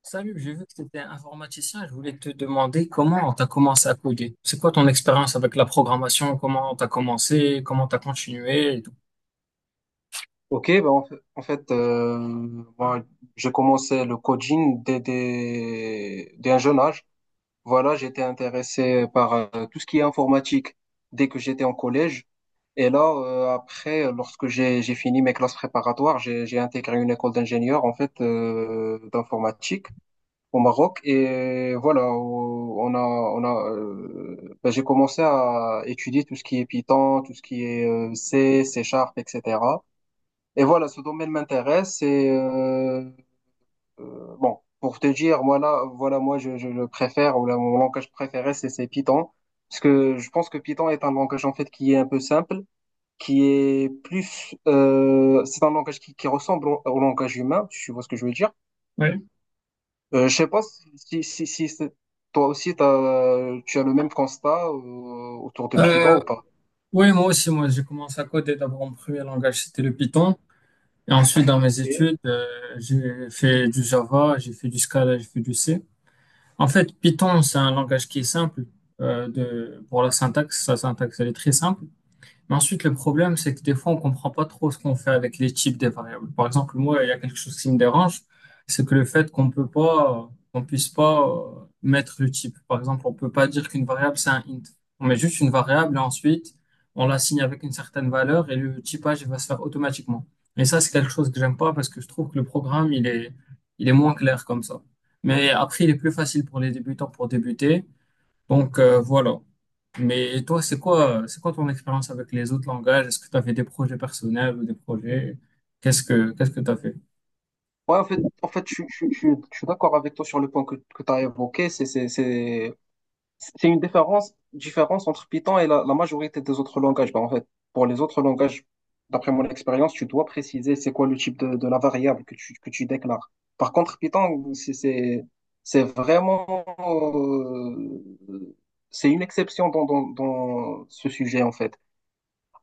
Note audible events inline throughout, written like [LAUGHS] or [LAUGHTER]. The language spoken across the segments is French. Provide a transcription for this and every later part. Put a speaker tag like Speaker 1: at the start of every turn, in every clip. Speaker 1: Salut, j'ai vu que tu étais informaticien. Je voulais te demander comment tu as commencé à coder. C'est quoi ton expérience avec la programmation? Comment tu as commencé? Comment tu as continué et tout.
Speaker 2: Ok, ben en fait, en fait, euh, Moi, j'ai commencé le coaching dès un jeune âge. Voilà, j'étais intéressé par tout ce qui est informatique dès que j'étais en collège. Et là, après, lorsque j'ai fini mes classes préparatoires, j'ai intégré une école d'ingénieur en fait, d'informatique au Maroc. Et voilà, j'ai commencé à étudier tout ce qui est Python, tout ce qui est C, C Sharp, etc. Et voilà, ce domaine m'intéresse. Bon, pour te dire, voilà, voilà, moi, je le préfère, mon langage préféré, c'est Python. Parce que je pense que Python est un langage, en fait, qui est un peu simple, qui est plus. C'est un langage qui ressemble au langage humain, tu vois ce que je veux dire.
Speaker 1: Ouais.
Speaker 2: Je sais pas si, si, si, si c'est- toi aussi, tu as le même constat autour de Python
Speaker 1: Euh,
Speaker 2: ou pas.
Speaker 1: oui, moi aussi, moi, j'ai commencé à coder. D'abord, mon premier langage, c'était le Python. Et ensuite, dans mes
Speaker 2: Et-
Speaker 1: études, j'ai fait du Java, j'ai fait du Scala, j'ai fait du C. En fait, Python, c'est un langage qui est simple de, pour la syntaxe. Sa syntaxe, elle est très simple. Mais ensuite, le problème, c'est que des fois, on comprend pas trop ce qu'on fait avec les types des variables. Par exemple, moi, il y a quelque chose qui me dérange, c'est que le fait qu'on peut pas, qu'on puisse pas mettre le type. Par exemple, on peut pas dire qu'une variable, c'est un int. On met juste une variable et ensuite, on l'assigne avec une certaine valeur et le typage il va se faire automatiquement. Et ça, c'est quelque chose que j'aime pas parce que je trouve que le programme, il est moins clair comme ça. Mais après, il est plus facile pour les débutants pour débuter. Donc voilà. Mais toi, c'est quoi ton expérience avec les autres langages? Est-ce que tu as des projets personnels ou des projets? Qu'est-ce que tu as fait?
Speaker 2: Ouais, en fait, je suis d'accord avec toi sur le point que tu as évoqué. C'est une différence entre Python et la majorité des autres langages. Ben, en fait, pour les autres langages, d'après mon expérience, tu dois préciser c'est quoi le type de la variable que tu déclares. Par contre, Python, c'est vraiment, euh, c'est une exception dans ce sujet, en fait.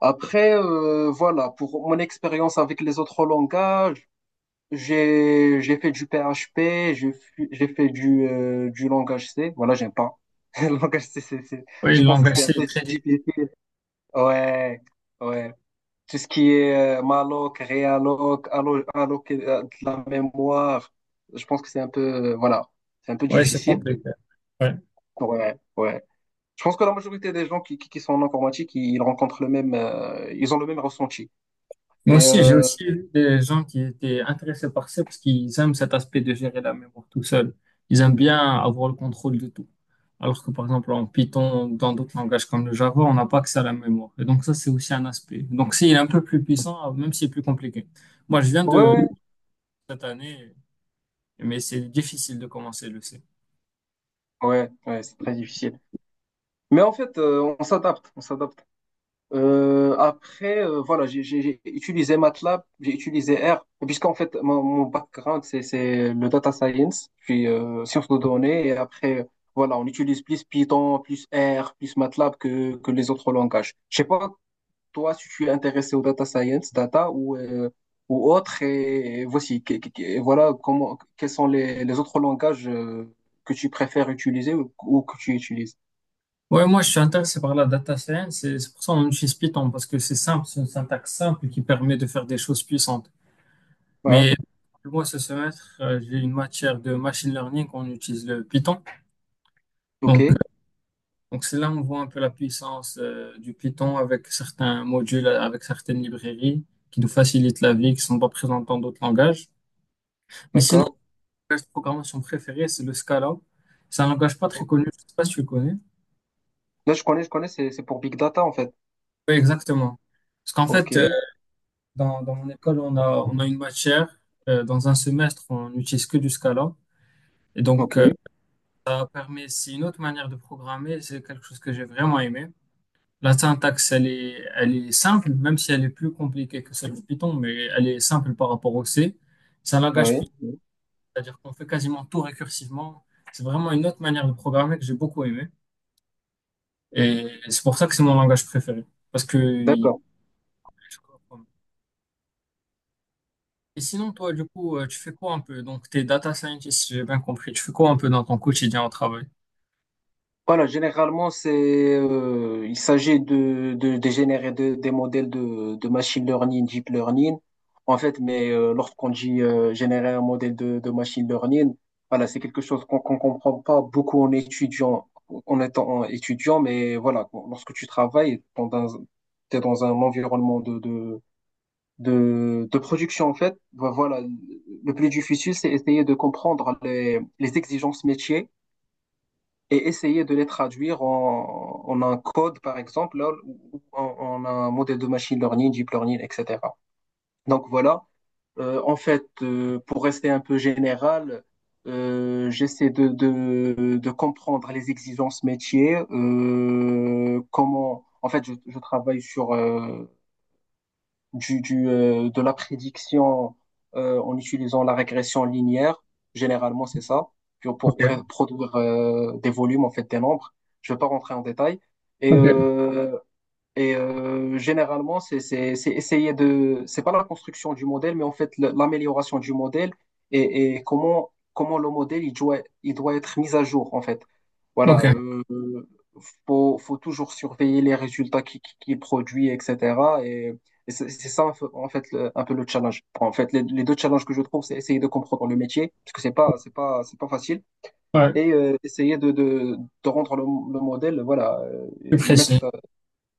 Speaker 2: Après, voilà, pour mon expérience avec les autres langages, j'ai fait du PHP, j'ai fait du langage C. Voilà, j'aime pas. [LAUGHS] Le langage C,
Speaker 1: Oui,
Speaker 2: je
Speaker 1: le
Speaker 2: pense que
Speaker 1: langage,
Speaker 2: c'est un
Speaker 1: c'est
Speaker 2: peu
Speaker 1: très difficile.
Speaker 2: GPT. Ouais, ouais. Tout ce qui est malloc, realloc, alloc, de la mémoire, je pense que c'est un peu, voilà, c'est un peu
Speaker 1: Oui, c'est
Speaker 2: difficile.
Speaker 1: compliqué. Ouais.
Speaker 2: Ouais, ouais. Je pense que la majorité des gens qui sont en informatique, ils rencontrent ils ont le même ressenti.
Speaker 1: Moi
Speaker 2: Et
Speaker 1: aussi, j'ai
Speaker 2: euh,
Speaker 1: aussi vu des gens qui étaient intéressés par ça parce qu'ils aiment cet aspect de gérer la mémoire tout seul. Ils aiment bien avoir le contrôle de tout. Alors que par exemple en Python ou dans d'autres langages comme le Java, on n'a pas que ça à la mémoire. Et donc ça, c'est aussi un aspect. Donc c'est un peu plus puissant, même si c'est plus compliqué. Moi, je viens
Speaker 2: ouais,
Speaker 1: de
Speaker 2: ouais,
Speaker 1: cette année, mais c'est difficile de commencer, le C.
Speaker 2: ouais, ouais, c'est très difficile. Mais en fait, on s'adapte, on s'adapte. Voilà, j'ai utilisé MATLAB, j'ai utilisé R, puisqu'en fait, mon background, c'est le data science, puis sciences de données, et après, voilà, on utilise plus Python, plus R, plus MATLAB que les autres langages. Je sais pas, toi, si tu es intéressé au data science, data ou autre, et voici, voilà, comment, quels sont les autres langages que tu préfères utiliser ou que tu utilises.
Speaker 1: Ouais, moi, je suis intéressé par la data science et c'est pour ça qu'on utilise Python parce que c'est simple, c'est une syntaxe simple qui permet de faire des choses puissantes.
Speaker 2: Ouais,
Speaker 1: Mais moi, ce semestre, j'ai une matière de machine learning on utilise le Python.
Speaker 2: ok,
Speaker 1: Donc, euh, donc c'est là où on voit un peu la puissance du Python avec certains modules, avec certaines librairies qui nous facilitent la vie, qui sont pas présentes dans d'autres langages. Mais sinon,
Speaker 2: d'accord.
Speaker 1: mon langage de programmation préféré, c'est le Scala. C'est un langage pas très connu, je sais pas si tu le connais.
Speaker 2: Là, je connais, c'est pour Big Data, en fait.
Speaker 1: Oui, exactement. Parce qu'en fait,
Speaker 2: OK,
Speaker 1: dans mon école, on a une matière. Dans un semestre, on n'utilise que du Scala. Et donc,
Speaker 2: OK,
Speaker 1: ça permet, c'est une autre manière de programmer. C'est quelque chose que j'ai vraiment aimé. La syntaxe, elle est simple, même si elle est plus compliquée que celle de Python, mais elle est simple par rapport au C. C'est un langage
Speaker 2: oui,
Speaker 1: Python,
Speaker 2: oui,
Speaker 1: c'est-à-dire qu'on fait quasiment tout récursivement. C'est vraiment une autre manière de programmer que j'ai beaucoup aimé. Et c'est pour ça que c'est mon langage préféré. Parce que il-
Speaker 2: d'accord.
Speaker 1: Et sinon, toi, du coup, tu fais quoi un peu? Donc, t'es data scientist, si j'ai bien compris. Tu fais quoi un peu dans ton quotidien au travail?
Speaker 2: Voilà, généralement, il s'agit de générer des modèles de machine learning, deep learning. En fait, mais lorsqu'on dit générer un modèle de machine learning, voilà, c'est quelque chose qu'on comprend pas beaucoup en étant étudiant, mais voilà, lorsque tu travailles, t'es dans un environnement de production en fait. Voilà, le plus difficile, c'est essayer de comprendre les exigences métiers et essayer de les traduire en un code, par exemple, là, ou en, en un modèle de machine learning, deep learning, etc. Donc voilà. Pour rester un peu général, j'essaie de comprendre les exigences métiers, comment, en fait, je travaille sur, de la prédiction en utilisant la régression linéaire. Généralement, c'est ça, pour
Speaker 1: Ok,
Speaker 2: produire des volumes, en fait, des nombres. Je ne vais pas rentrer en détail. Et
Speaker 1: ok,
Speaker 2: euh, Généralement, c'est pas la construction du modèle, mais en fait l'amélioration du modèle et comment le modèle il doit être mis à jour en fait. Voilà,
Speaker 1: ok.
Speaker 2: faut toujours surveiller les résultats qui produit etc. Et c'est ça en fait un peu le challenge. En fait, les deux challenges que je trouve, c'est essayer de comprendre le métier parce que c'est pas facile
Speaker 1: Ouais,
Speaker 2: essayer de rendre le modèle voilà
Speaker 1: plus
Speaker 2: le
Speaker 1: précis.
Speaker 2: mettre.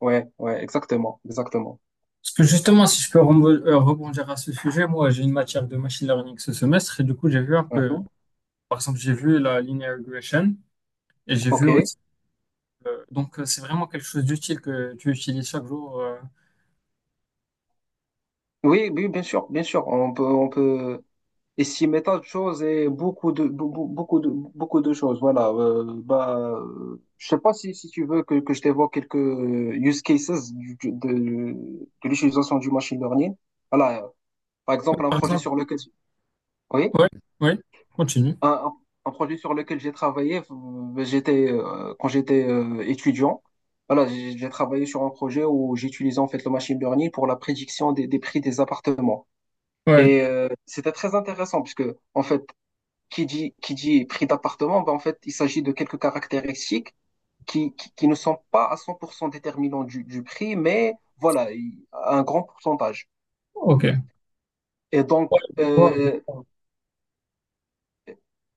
Speaker 2: Ouais, ouais, exactement, exactement.
Speaker 1: Parce que justement, si je peux rebondir à ce sujet, moi, j'ai une matière de machine learning ce semestre et du coup, j'ai vu un peu,
Speaker 2: Mhm.
Speaker 1: par exemple, j'ai vu la linear regression et j'ai vu
Speaker 2: Ok.
Speaker 1: aussi, donc, c'est vraiment quelque chose d'utile que tu utilises chaque jour.
Speaker 2: Oui, oui, bien sûr, bien sûr. On peut estimer tant de choses et beaucoup de, be- be- beaucoup de choses. Voilà. Je sais pas si tu veux que je t'évoque quelques use cases de l'utilisation du machine learning. Voilà. Par exemple, un
Speaker 1: Par
Speaker 2: projet
Speaker 1: exemple,
Speaker 2: sur lequel. Oui?
Speaker 1: ouais, ouais, continue.
Speaker 2: Un, un- un projet sur lequel j'ai travaillé, j'étais quand j'étais étudiant. Voilà, j'ai travaillé sur un projet où j'utilisais en fait le machine learning pour la prédiction des prix des appartements.
Speaker 1: Ouais,
Speaker 2: Et c'était très intéressant puisque en fait, qui dit prix d'appartement, ben, en fait, il s'agit de quelques caractéristiques qui ne sont pas à 100% déterminants du prix, mais voilà, un grand pourcentage.
Speaker 1: ok.
Speaker 2: Et
Speaker 1: Ouais,
Speaker 2: donc,
Speaker 1: je vois.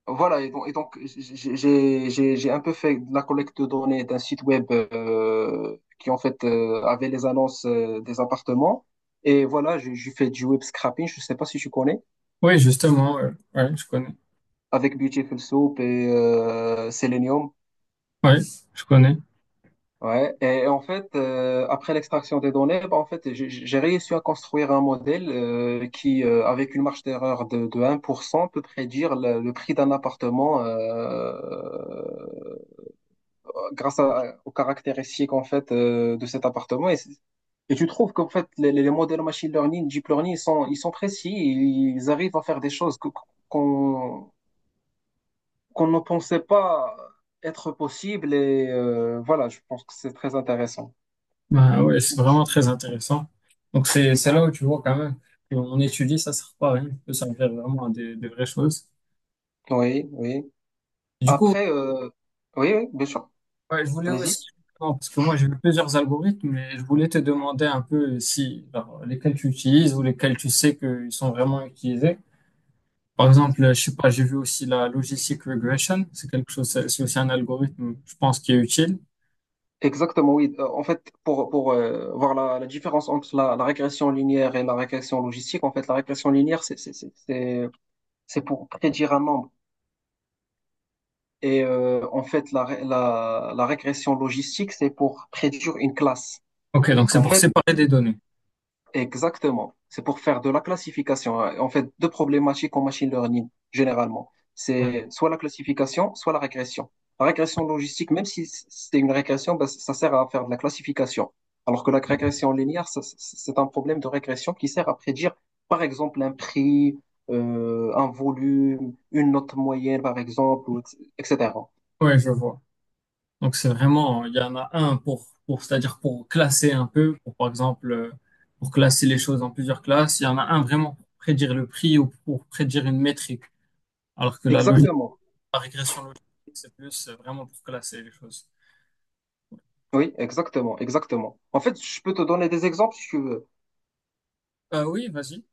Speaker 2: voilà, et donc, j'ai un peu fait de la collecte de données d'un site web qui en fait avait les annonces des appartements. Et voilà, j'ai fait du web scrapping, je ne sais pas si tu connais,
Speaker 1: Oui, justement, ouais, ouais, je connais.
Speaker 2: avec Beautiful Soup et Selenium.
Speaker 1: Oui, je connais.
Speaker 2: Ouais. Et, en fait, après l'extraction des données, bah, en fait, j'ai réussi à construire un modèle qui, avec une marge d'erreur de 1%, peut prédire le prix d'un appartement grâce aux caractéristiques en fait de cet appartement. Et tu trouves qu'en fait les modèles machine learning, deep learning, ils sont précis, ils arrivent à faire des choses qu'on qu'on ne pensait pas être possible. Et voilà, je pense que c'est très intéressant.
Speaker 1: Bah ouais, c'est vraiment très intéressant. Donc c'est là où tu vois quand même qu'on étudie, ça sert pas à rien, ça peut servir vraiment à des vraies choses.
Speaker 2: Oui, oui.
Speaker 1: Du coup,
Speaker 2: Après, oui, oui, bien sûr.
Speaker 1: ouais, je voulais
Speaker 2: Allez-y.
Speaker 1: aussi, non, parce que moi j'ai vu plusieurs algorithmes, mais je voulais te demander un peu si genre, lesquels tu utilises ou lesquels tu sais qu'ils sont vraiment utilisés. Par exemple, je sais pas, j'ai vu aussi la logistic regression, c'est quelque chose, c'est aussi un algorithme, je pense, qui est utile.
Speaker 2: Exactement, oui. En fait, pour voir la différence entre la régression linéaire et la régression logistique, en fait, la régression linéaire, c'est pour prédire un nombre. Et en fait, la régression logistique, c'est pour prédire une classe.
Speaker 1: Ok, donc
Speaker 2: Donc,
Speaker 1: c'est
Speaker 2: en
Speaker 1: pour
Speaker 2: fait,
Speaker 1: séparer des données.
Speaker 2: exactement. C'est pour faire de la classification, hein. En fait, deux problématiques en machine learning, généralement.
Speaker 1: Ouais,
Speaker 2: C'est soit la classification, soit la régression. La régression logistique, même si c'est une régression, ben, ça sert à faire de la classification. Alors que la régression linéaire, c'est un problème de régression qui sert à prédire, par exemple, un prix, un volume, une note moyenne, par exemple, etc.
Speaker 1: ouais, je vois. Donc c'est vraiment, il y en a un pour c'est-à-dire pour classer un peu, pour par exemple, pour classer les choses en plusieurs classes, il y en a un vraiment pour prédire le prix ou pour prédire une métrique, alors que la logique,
Speaker 2: Exactement.
Speaker 1: la régression logique, c'est plus vraiment pour classer les choses.
Speaker 2: Oui, exactement, exactement. En fait, je peux te donner des exemples si tu veux.
Speaker 1: Oui, vas-y.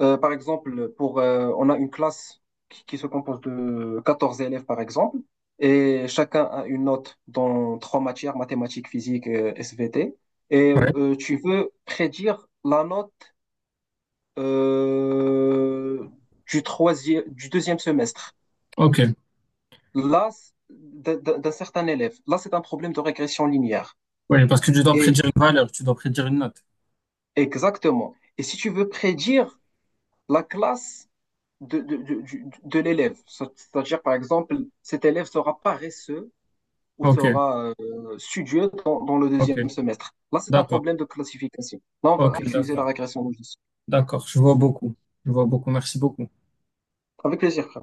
Speaker 2: Par exemple, on a une classe qui se compose de 14 élèves, par exemple, et chacun a une note dans trois matières, mathématiques, physique, et SVT. Et
Speaker 1: Ouais.
Speaker 2: tu veux prédire la note euh, du deuxième semestre.
Speaker 1: Ok.
Speaker 2: Là, d'un certain élève. Là, c'est un problème de régression linéaire.
Speaker 1: Oui, parce que tu dois
Speaker 2: Et
Speaker 1: prédire une valeur, tu dois prédire une note.
Speaker 2: exactement. Et si tu veux prédire la classe de, de, de, de l'élève. C'est-à-dire, par exemple, cet élève sera paresseux ou
Speaker 1: Ok,
Speaker 2: sera studieux dans le
Speaker 1: ok,
Speaker 2: deuxième semestre. Là, c'est un
Speaker 1: d'accord,
Speaker 2: problème de classification. Là, on va
Speaker 1: ok,
Speaker 2: utiliser la
Speaker 1: d'accord,
Speaker 2: régression logistique.
Speaker 1: d'accord, je vois beaucoup, merci beaucoup.
Speaker 2: Avec plaisir, frère.